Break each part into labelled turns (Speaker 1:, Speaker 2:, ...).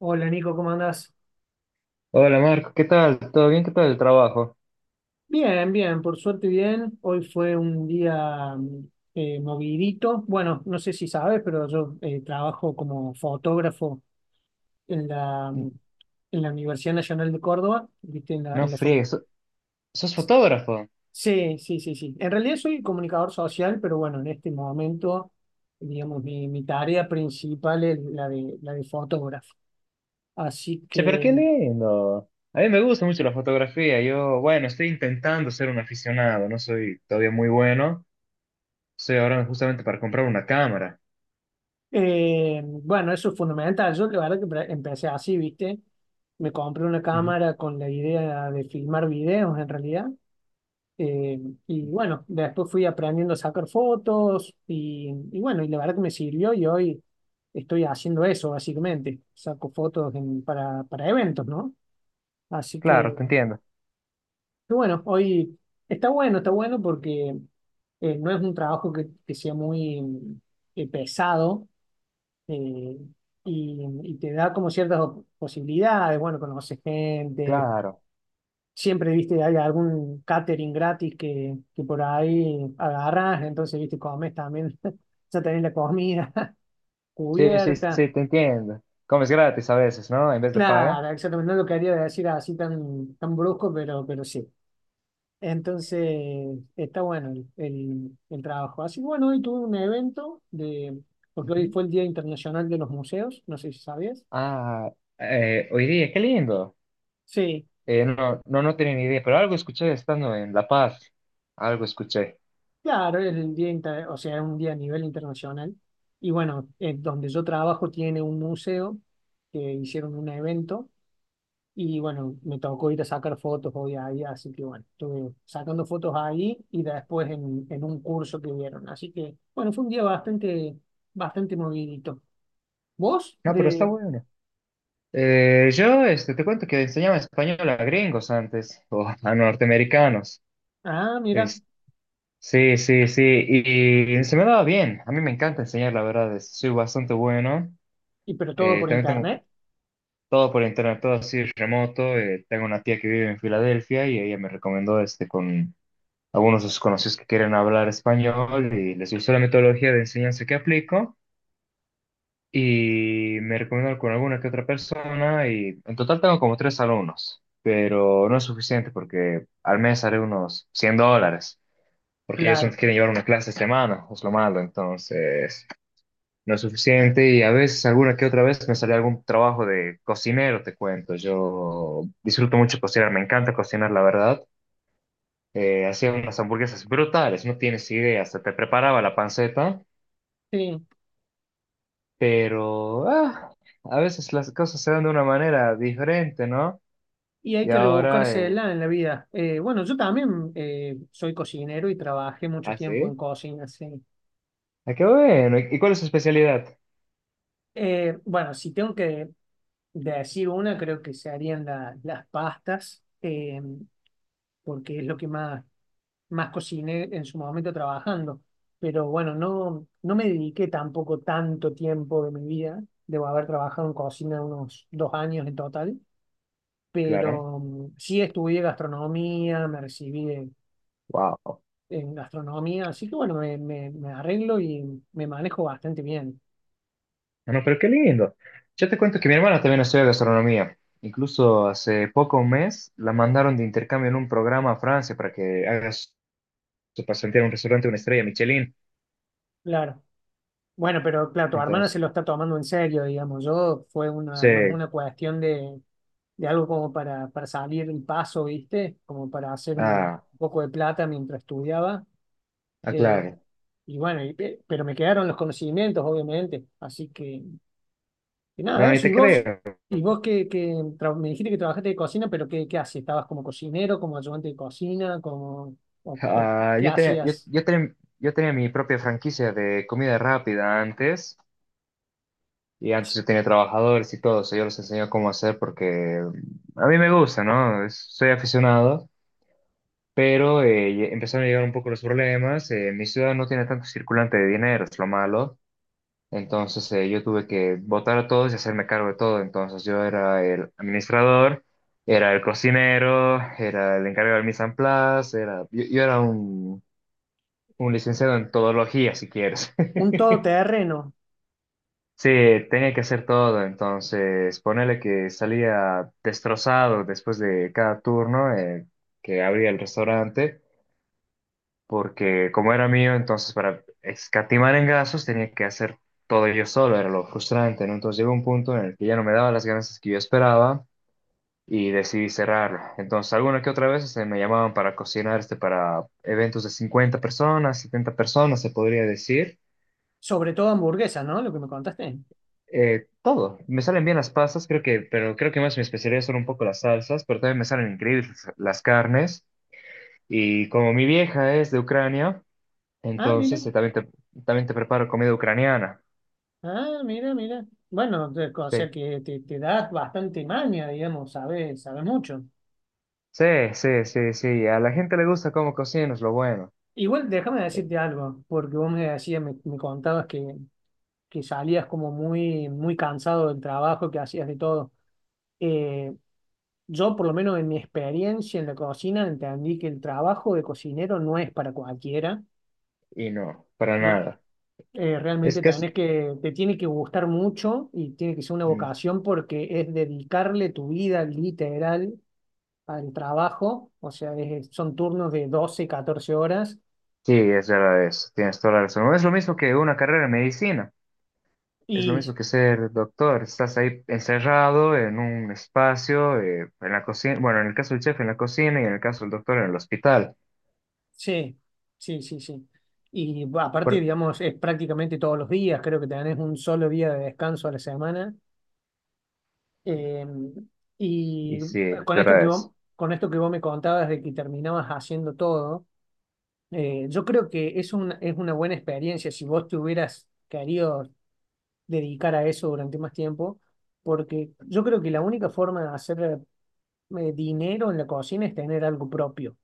Speaker 1: Hola Nico, ¿cómo andás?
Speaker 2: Hola Marco, ¿qué tal? ¿Todo bien? ¿Qué tal el trabajo?
Speaker 1: Bien, bien, por suerte bien. Hoy fue un día movidito. Bueno, no sé si sabes, pero yo trabajo como fotógrafo en la,
Speaker 2: N-
Speaker 1: en la Universidad Nacional de Córdoba, ¿viste? En la,
Speaker 2: No
Speaker 1: en la
Speaker 2: friegues, ¿sos fotógrafo?
Speaker 1: Sí, sí, sí, sí. En realidad soy comunicador social, pero bueno, en este momento, digamos, mi tarea principal es la de fotógrafo. Así
Speaker 2: Che, pero qué
Speaker 1: que
Speaker 2: lindo. A mí me gusta mucho la fotografía. Yo, bueno, estoy intentando ser un aficionado, no soy todavía muy bueno. Estoy ahora justamente para comprar una cámara.
Speaker 1: Bueno, eso es fundamental. Yo la verdad que empecé así, ¿viste? Me compré una
Speaker 2: Ujú.
Speaker 1: cámara con la idea de filmar videos en realidad. Eh, y bueno, después fui aprendiendo a sacar fotos y bueno, y la verdad que me sirvió y hoy estoy haciendo eso básicamente. Saco fotos para eventos, ¿no? Así
Speaker 2: Claro,
Speaker 1: que,
Speaker 2: te entiendo.
Speaker 1: que bueno, hoy está bueno porque no es un trabajo que sea muy pesado. Eh, y, y te da como ciertas posibilidades, bueno, conoces gente,
Speaker 2: Claro.
Speaker 1: siempre, viste, hay algún catering gratis que por ahí agarras, entonces, viste, comes también, ya tenés la comida
Speaker 2: Sí, sí,
Speaker 1: cubierta.
Speaker 2: sí, te entiendo. Comes gratis a veces, ¿no? En vez de paga.
Speaker 1: Claro, exactamente, no lo quería decir así tan brusco, pero sí. Entonces, está bueno el trabajo. Así que bueno, hoy tuve un evento de, porque hoy
Speaker 2: Ujú.
Speaker 1: fue el Día Internacional de los Museos, no sé si sabías.
Speaker 2: Ah, hoy día, qué lindo.
Speaker 1: Sí,
Speaker 2: No, no, no tenía ni idea, pero algo escuché estando en La Paz. Algo escuché.
Speaker 1: claro, es el día, o sea, es un día a nivel internacional. Y bueno, donde yo trabajo tiene un museo que hicieron un evento y bueno, me tocó ir a sacar fotos hoy ahí, así que bueno, estuve sacando fotos ahí y después en un curso que dieron. Así que bueno, fue un día bastante, bastante movidito. ¿Vos?
Speaker 2: No, pero está
Speaker 1: De...
Speaker 2: bueno. Yo este, te cuento que enseñaba español a gringos antes, o a norteamericanos.
Speaker 1: Ah, mira,
Speaker 2: Es- sí, sí, sí, y se me daba bien. A mí me encanta enseñar, la verdad, soy bastante bueno.
Speaker 1: y pero todo por
Speaker 2: También tengo
Speaker 1: internet.
Speaker 2: todo por internet, todo así remoto. Tengo una tía que vive en Filadelfia y ella me recomendó este, con algunos de sus conocidos que quieren hablar español y les gustó la metodología de enseñanza que aplico. Y me recomiendo con alguna que otra persona y en total tengo como tres alumnos, pero no es suficiente porque al mes haré unos $100, porque ellos
Speaker 1: Claro,
Speaker 2: quieren llevar una clase a semana, es lo malo, entonces no es suficiente y a veces alguna que otra vez me sale algún trabajo de cocinero, te cuento, yo disfruto mucho cocinar, me encanta cocinar, la verdad. Hacía unas hamburguesas brutales, no tienes idea, hasta te preparaba la panceta.
Speaker 1: sí.
Speaker 2: Pero ah, a veces las cosas se dan de una manera diferente, ¿no?
Speaker 1: Y hay
Speaker 2: Y
Speaker 1: que
Speaker 2: ahora,
Speaker 1: rebuscársela en la vida. Bueno, yo también soy cocinero y trabajé mucho
Speaker 2: ¿ah,
Speaker 1: tiempo en
Speaker 2: sí?
Speaker 1: cocina, sí.
Speaker 2: Ah, qué bueno. ¿Y cuál es su especialidad?
Speaker 1: Bueno, si tengo que decir una, creo que se harían las pastas, porque es lo que más, más cociné en su momento trabajando. Pero bueno, no, no me dediqué tampoco tanto tiempo de mi vida. Debo haber trabajado en cocina unos dos años en total.
Speaker 2: Claro.
Speaker 1: Pero sí estudié gastronomía, me recibí de
Speaker 2: Wow.
Speaker 1: en gastronomía, así que bueno, me arreglo y me manejo bastante bien,
Speaker 2: Ah, no, pero qué lindo. Yo te cuento que mi hermana también estudia gastronomía. Incluso hace poco un mes la mandaron de intercambio en un programa a Francia para que haga su su pasantía en un restaurante de una estrella Michelin.
Speaker 1: claro. Bueno, pero claro, tu hermana
Speaker 2: Entonces,
Speaker 1: se lo está tomando en serio, digamos, yo fue una,
Speaker 2: sí.
Speaker 1: más una cuestión de algo como para salir el paso, ¿viste? Como para hacer un
Speaker 2: Ah,
Speaker 1: poco de plata mientras estudiaba.
Speaker 2: ah,
Speaker 1: eh,
Speaker 2: claro.
Speaker 1: y bueno, y pero me quedaron los conocimientos, obviamente, así que y nada,
Speaker 2: No, y
Speaker 1: eso. ¿Y
Speaker 2: te
Speaker 1: vos?
Speaker 2: creo.
Speaker 1: ¿Y vos me dijiste que trabajaste de cocina, pero qué, qué hacías? ¿Estabas como cocinero, como ayudante de cocina, como, o
Speaker 2: Ah,
Speaker 1: qué hacías?
Speaker 2: yo tenía mi propia franquicia de comida rápida antes, y antes yo tenía trabajadores y todo, eso yo les enseño cómo hacer porque a mí me gusta, ¿no? Soy aficionado, pero empezaron a llegar un poco los problemas. Mi ciudad no tiene tanto circulante de dinero, es lo malo. Entonces yo tuve que votar a todos y hacerme cargo de todo. Entonces yo era el administrador, era el cocinero, era el encargado del mise en place, era, yo era un licenciado en todología, si quieres.
Speaker 1: Un todoterreno,
Speaker 2: Sí, tenía que hacer todo, entonces ponele que salía destrozado después de cada turno que abría el restaurante, porque como era mío, entonces para escatimar en gastos tenía que hacer todo yo solo, era lo frustrante, ¿no? Entonces llegó un punto en el que ya no me daba las ganancias que yo esperaba y decidí cerrarlo. Entonces alguna que otra vez se me llamaban para cocinar este para eventos de 50 personas, 70 personas, se podría decir.
Speaker 1: sobre todo hamburguesas, ¿no? Lo que me contaste.
Speaker 2: Todo. Me salen bien las pastas, creo que, pero creo que más mi especialidad son un poco las salsas, pero también me salen increíbles las carnes. Y como mi vieja es de Ucrania,
Speaker 1: Ah, mira,
Speaker 2: entonces también te preparo comida ucraniana.
Speaker 1: ah, mira, mira. Bueno, o sea
Speaker 2: Sí,
Speaker 1: que te das bastante maña, digamos, sabes, sabes mucho.
Speaker 2: sí, sí, sí, sí. A la gente le gusta cómo cocinas, lo bueno.
Speaker 1: Igual déjame
Speaker 2: Eh,
Speaker 1: decirte algo, porque vos me decías, me contabas que salías como muy, muy cansado del trabajo, que hacías de todo. Eh, Yo, por lo menos en mi experiencia en la cocina, entendí que el trabajo de cocinero no es para cualquiera,
Speaker 2: y no, para
Speaker 1: ¿no?
Speaker 2: nada. Es
Speaker 1: Realmente
Speaker 2: que es...
Speaker 1: tenés que, te tiene que gustar mucho y tiene que ser una
Speaker 2: Mm.
Speaker 1: vocación porque es dedicarle tu vida literal al trabajo, o sea, es- son turnos de 12 14 horas
Speaker 2: Sí, es verdad eso. Tienes toda la razón. No es lo mismo que una carrera en medicina. Es lo
Speaker 1: y
Speaker 2: mismo que ser doctor, estás ahí encerrado en un espacio, en la cocina, bueno, en el caso del chef en la cocina y en el caso del doctor en el hospital.
Speaker 1: sí, sí, sí, sí. Y bah, aparte,
Speaker 2: Por-
Speaker 1: digamos, es prácticamente todos los días, creo que tenés un solo día de descanso a la semana. Eh,
Speaker 2: y sí, la
Speaker 1: con esto que
Speaker 2: verdad es.
Speaker 1: vos, con esto que vos me contabas de que terminabas haciendo todo, yo creo que es una buena experiencia si vos te hubieras querido dedicar a eso durante más tiempo, porque yo creo que la única forma de hacer dinero en la cocina es tener algo propio.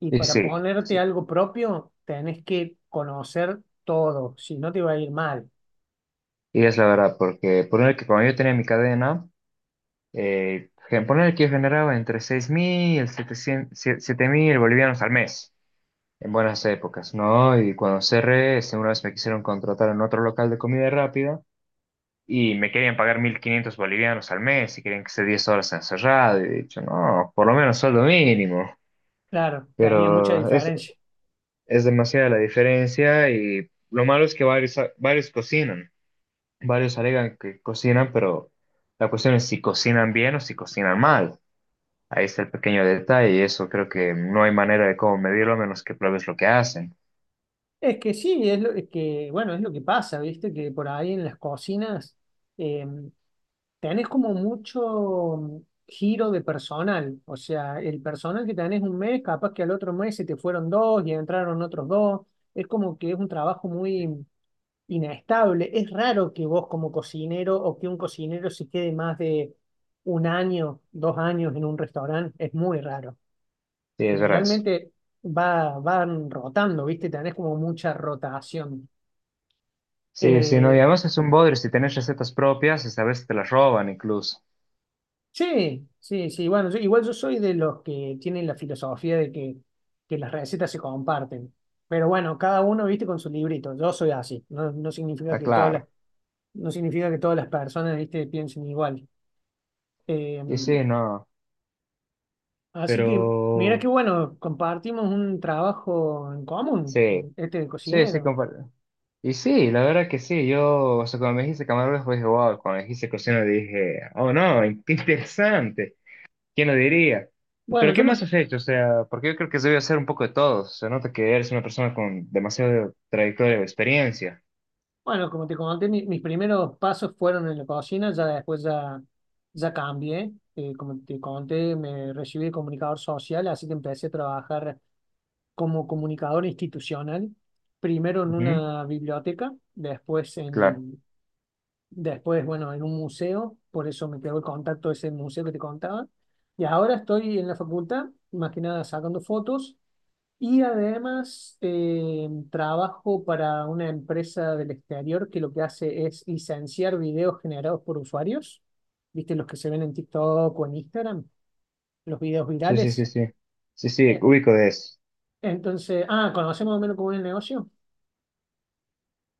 Speaker 1: Y
Speaker 2: Y
Speaker 1: para
Speaker 2: sí, sí.
Speaker 1: ponerte algo propio, tenés que conocer todo, si no te va a ir mal.
Speaker 2: Y es la verdad, porque poner que cuando yo tenía mi cadena, poner que yo generaba entre 6.000 y 7.000 bolivianos al mes, en buenas épocas, ¿no? Y cuando cerré, este, una vez me quisieron contratar en otro local de comida rápida. Y me querían pagar 1.500 bolivianos al mes y querían que esté 10 horas encerrado. Y he dicho, no, por lo menos sueldo mínimo.
Speaker 1: Claro, tenía mucha
Speaker 2: Pero
Speaker 1: diferencia.
Speaker 2: es demasiada la diferencia y lo malo es que varios cocinan. Varios alegan que cocinan, pero la cuestión es si cocinan bien o si cocinan mal. Ahí está el pequeño detalle y eso creo que no hay manera de cómo medirlo a menos que pruebes lo que hacen.
Speaker 1: Es que sí, es lo es que, bueno, es lo que pasa, ¿viste? Que por ahí en las cocinas eh, tenés como mucho giro de personal. O sea, el personal que tenés un mes, capaz que al otro mes se te fueron dos y entraron otros dos. Es como que es un trabajo muy inestable. Es raro que vos como cocinero o que un cocinero se quede más de un año, dos años en un restaurante. Es muy raro.
Speaker 2: Sí, es verdad eso.
Speaker 1: Generalmente va, van rotando, ¿viste? Tenés como mucha rotación.
Speaker 2: Sí, sí, no, y
Speaker 1: Eh,
Speaker 2: además es un bodrio. Si tenés recetas propias, esta vez te las roban incluso.
Speaker 1: sí, sí, sí. Bueno, igual yo soy de los que tienen la filosofía de que las recetas se comparten. Pero bueno, cada uno, viste, con su librito. Yo soy así. No, no significa
Speaker 2: Ah,
Speaker 1: que todas las,
Speaker 2: claro.
Speaker 1: no significa que todas las personas, viste, piensen igual. Eh,
Speaker 2: Y sí, no.
Speaker 1: así
Speaker 2: Pero
Speaker 1: que, mira qué bueno, compartimos un trabajo en común,
Speaker 2: sí,
Speaker 1: en este de
Speaker 2: sí, sí,
Speaker 1: cocinero.
Speaker 2: comparto. Y sí, la verdad que sí, yo, o sea, cuando me dijiste camarógrafo, dije, wow, cuando me dijiste cocina, dije, oh no, qué interesante, ¿quién lo diría? Pero
Speaker 1: Bueno,
Speaker 2: ¿qué más has hecho? O sea, porque yo creo que se debe hacer un poco de todo, se nota que eres una persona con demasiado trayectoria o experiencia.
Speaker 1: bueno, como te comenté, mis primeros pasos fueron en la cocina, ya después ya, ya cambié. Como te conté, me recibí de comunicador social, así que empecé a trabajar como comunicador institucional, primero en
Speaker 2: Ujú,
Speaker 1: una biblioteca, después
Speaker 2: claro,
Speaker 1: en, después, bueno, en un museo, por eso me quedó el contacto de ese museo que te contaba. Y ahora estoy en la facultad, más que nada sacando fotos y además trabajo para una empresa del exterior que lo que hace es licenciar videos generados por usuarios, ¿viste? Los que se ven en TikTok o en Instagram, los videos
Speaker 2: sí, sí, sí,
Speaker 1: virales.
Speaker 2: sí, sí, sí,
Speaker 1: Eh,
Speaker 2: ubico de eso.
Speaker 1: entonces, ah, ¿conocemos más o menos cómo es el negocio?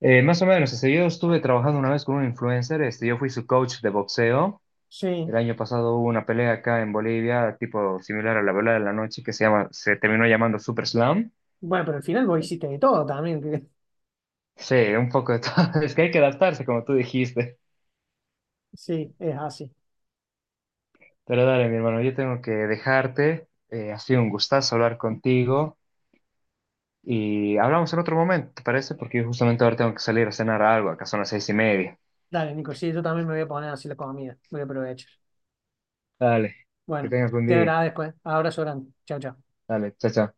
Speaker 2: Más o menos, o sea, yo estuve trabajando una vez con un influencer, este, yo fui su coach de boxeo.
Speaker 1: Sí.
Speaker 2: El año pasado hubo una pelea acá en Bolivia, tipo similar a la pelea de la noche, que se llama, se terminó llamando Super Slam.
Speaker 1: Bueno, pero al final vos hiciste de todo también. Que-
Speaker 2: Sí, un poco de todo. Es que hay que adaptarse, como tú dijiste.
Speaker 1: sí, es así.
Speaker 2: Pero dale, mi hermano, yo tengo que dejarte. Ha sido un gustazo hablar contigo. Y hablamos en otro momento, ¿te parece? Porque yo justamente ahora tengo que salir a cenar algo. Acá son las 6:30.
Speaker 1: Dale, Nico, sí, yo también me voy a poner así la comida. Voy a aprovechar.
Speaker 2: Dale, que
Speaker 1: Bueno,
Speaker 2: tengas buen
Speaker 1: te
Speaker 2: día.
Speaker 1: agradezco, ¿eh? Abrazo grande. Chao, chao.
Speaker 2: Dale, chao, chao.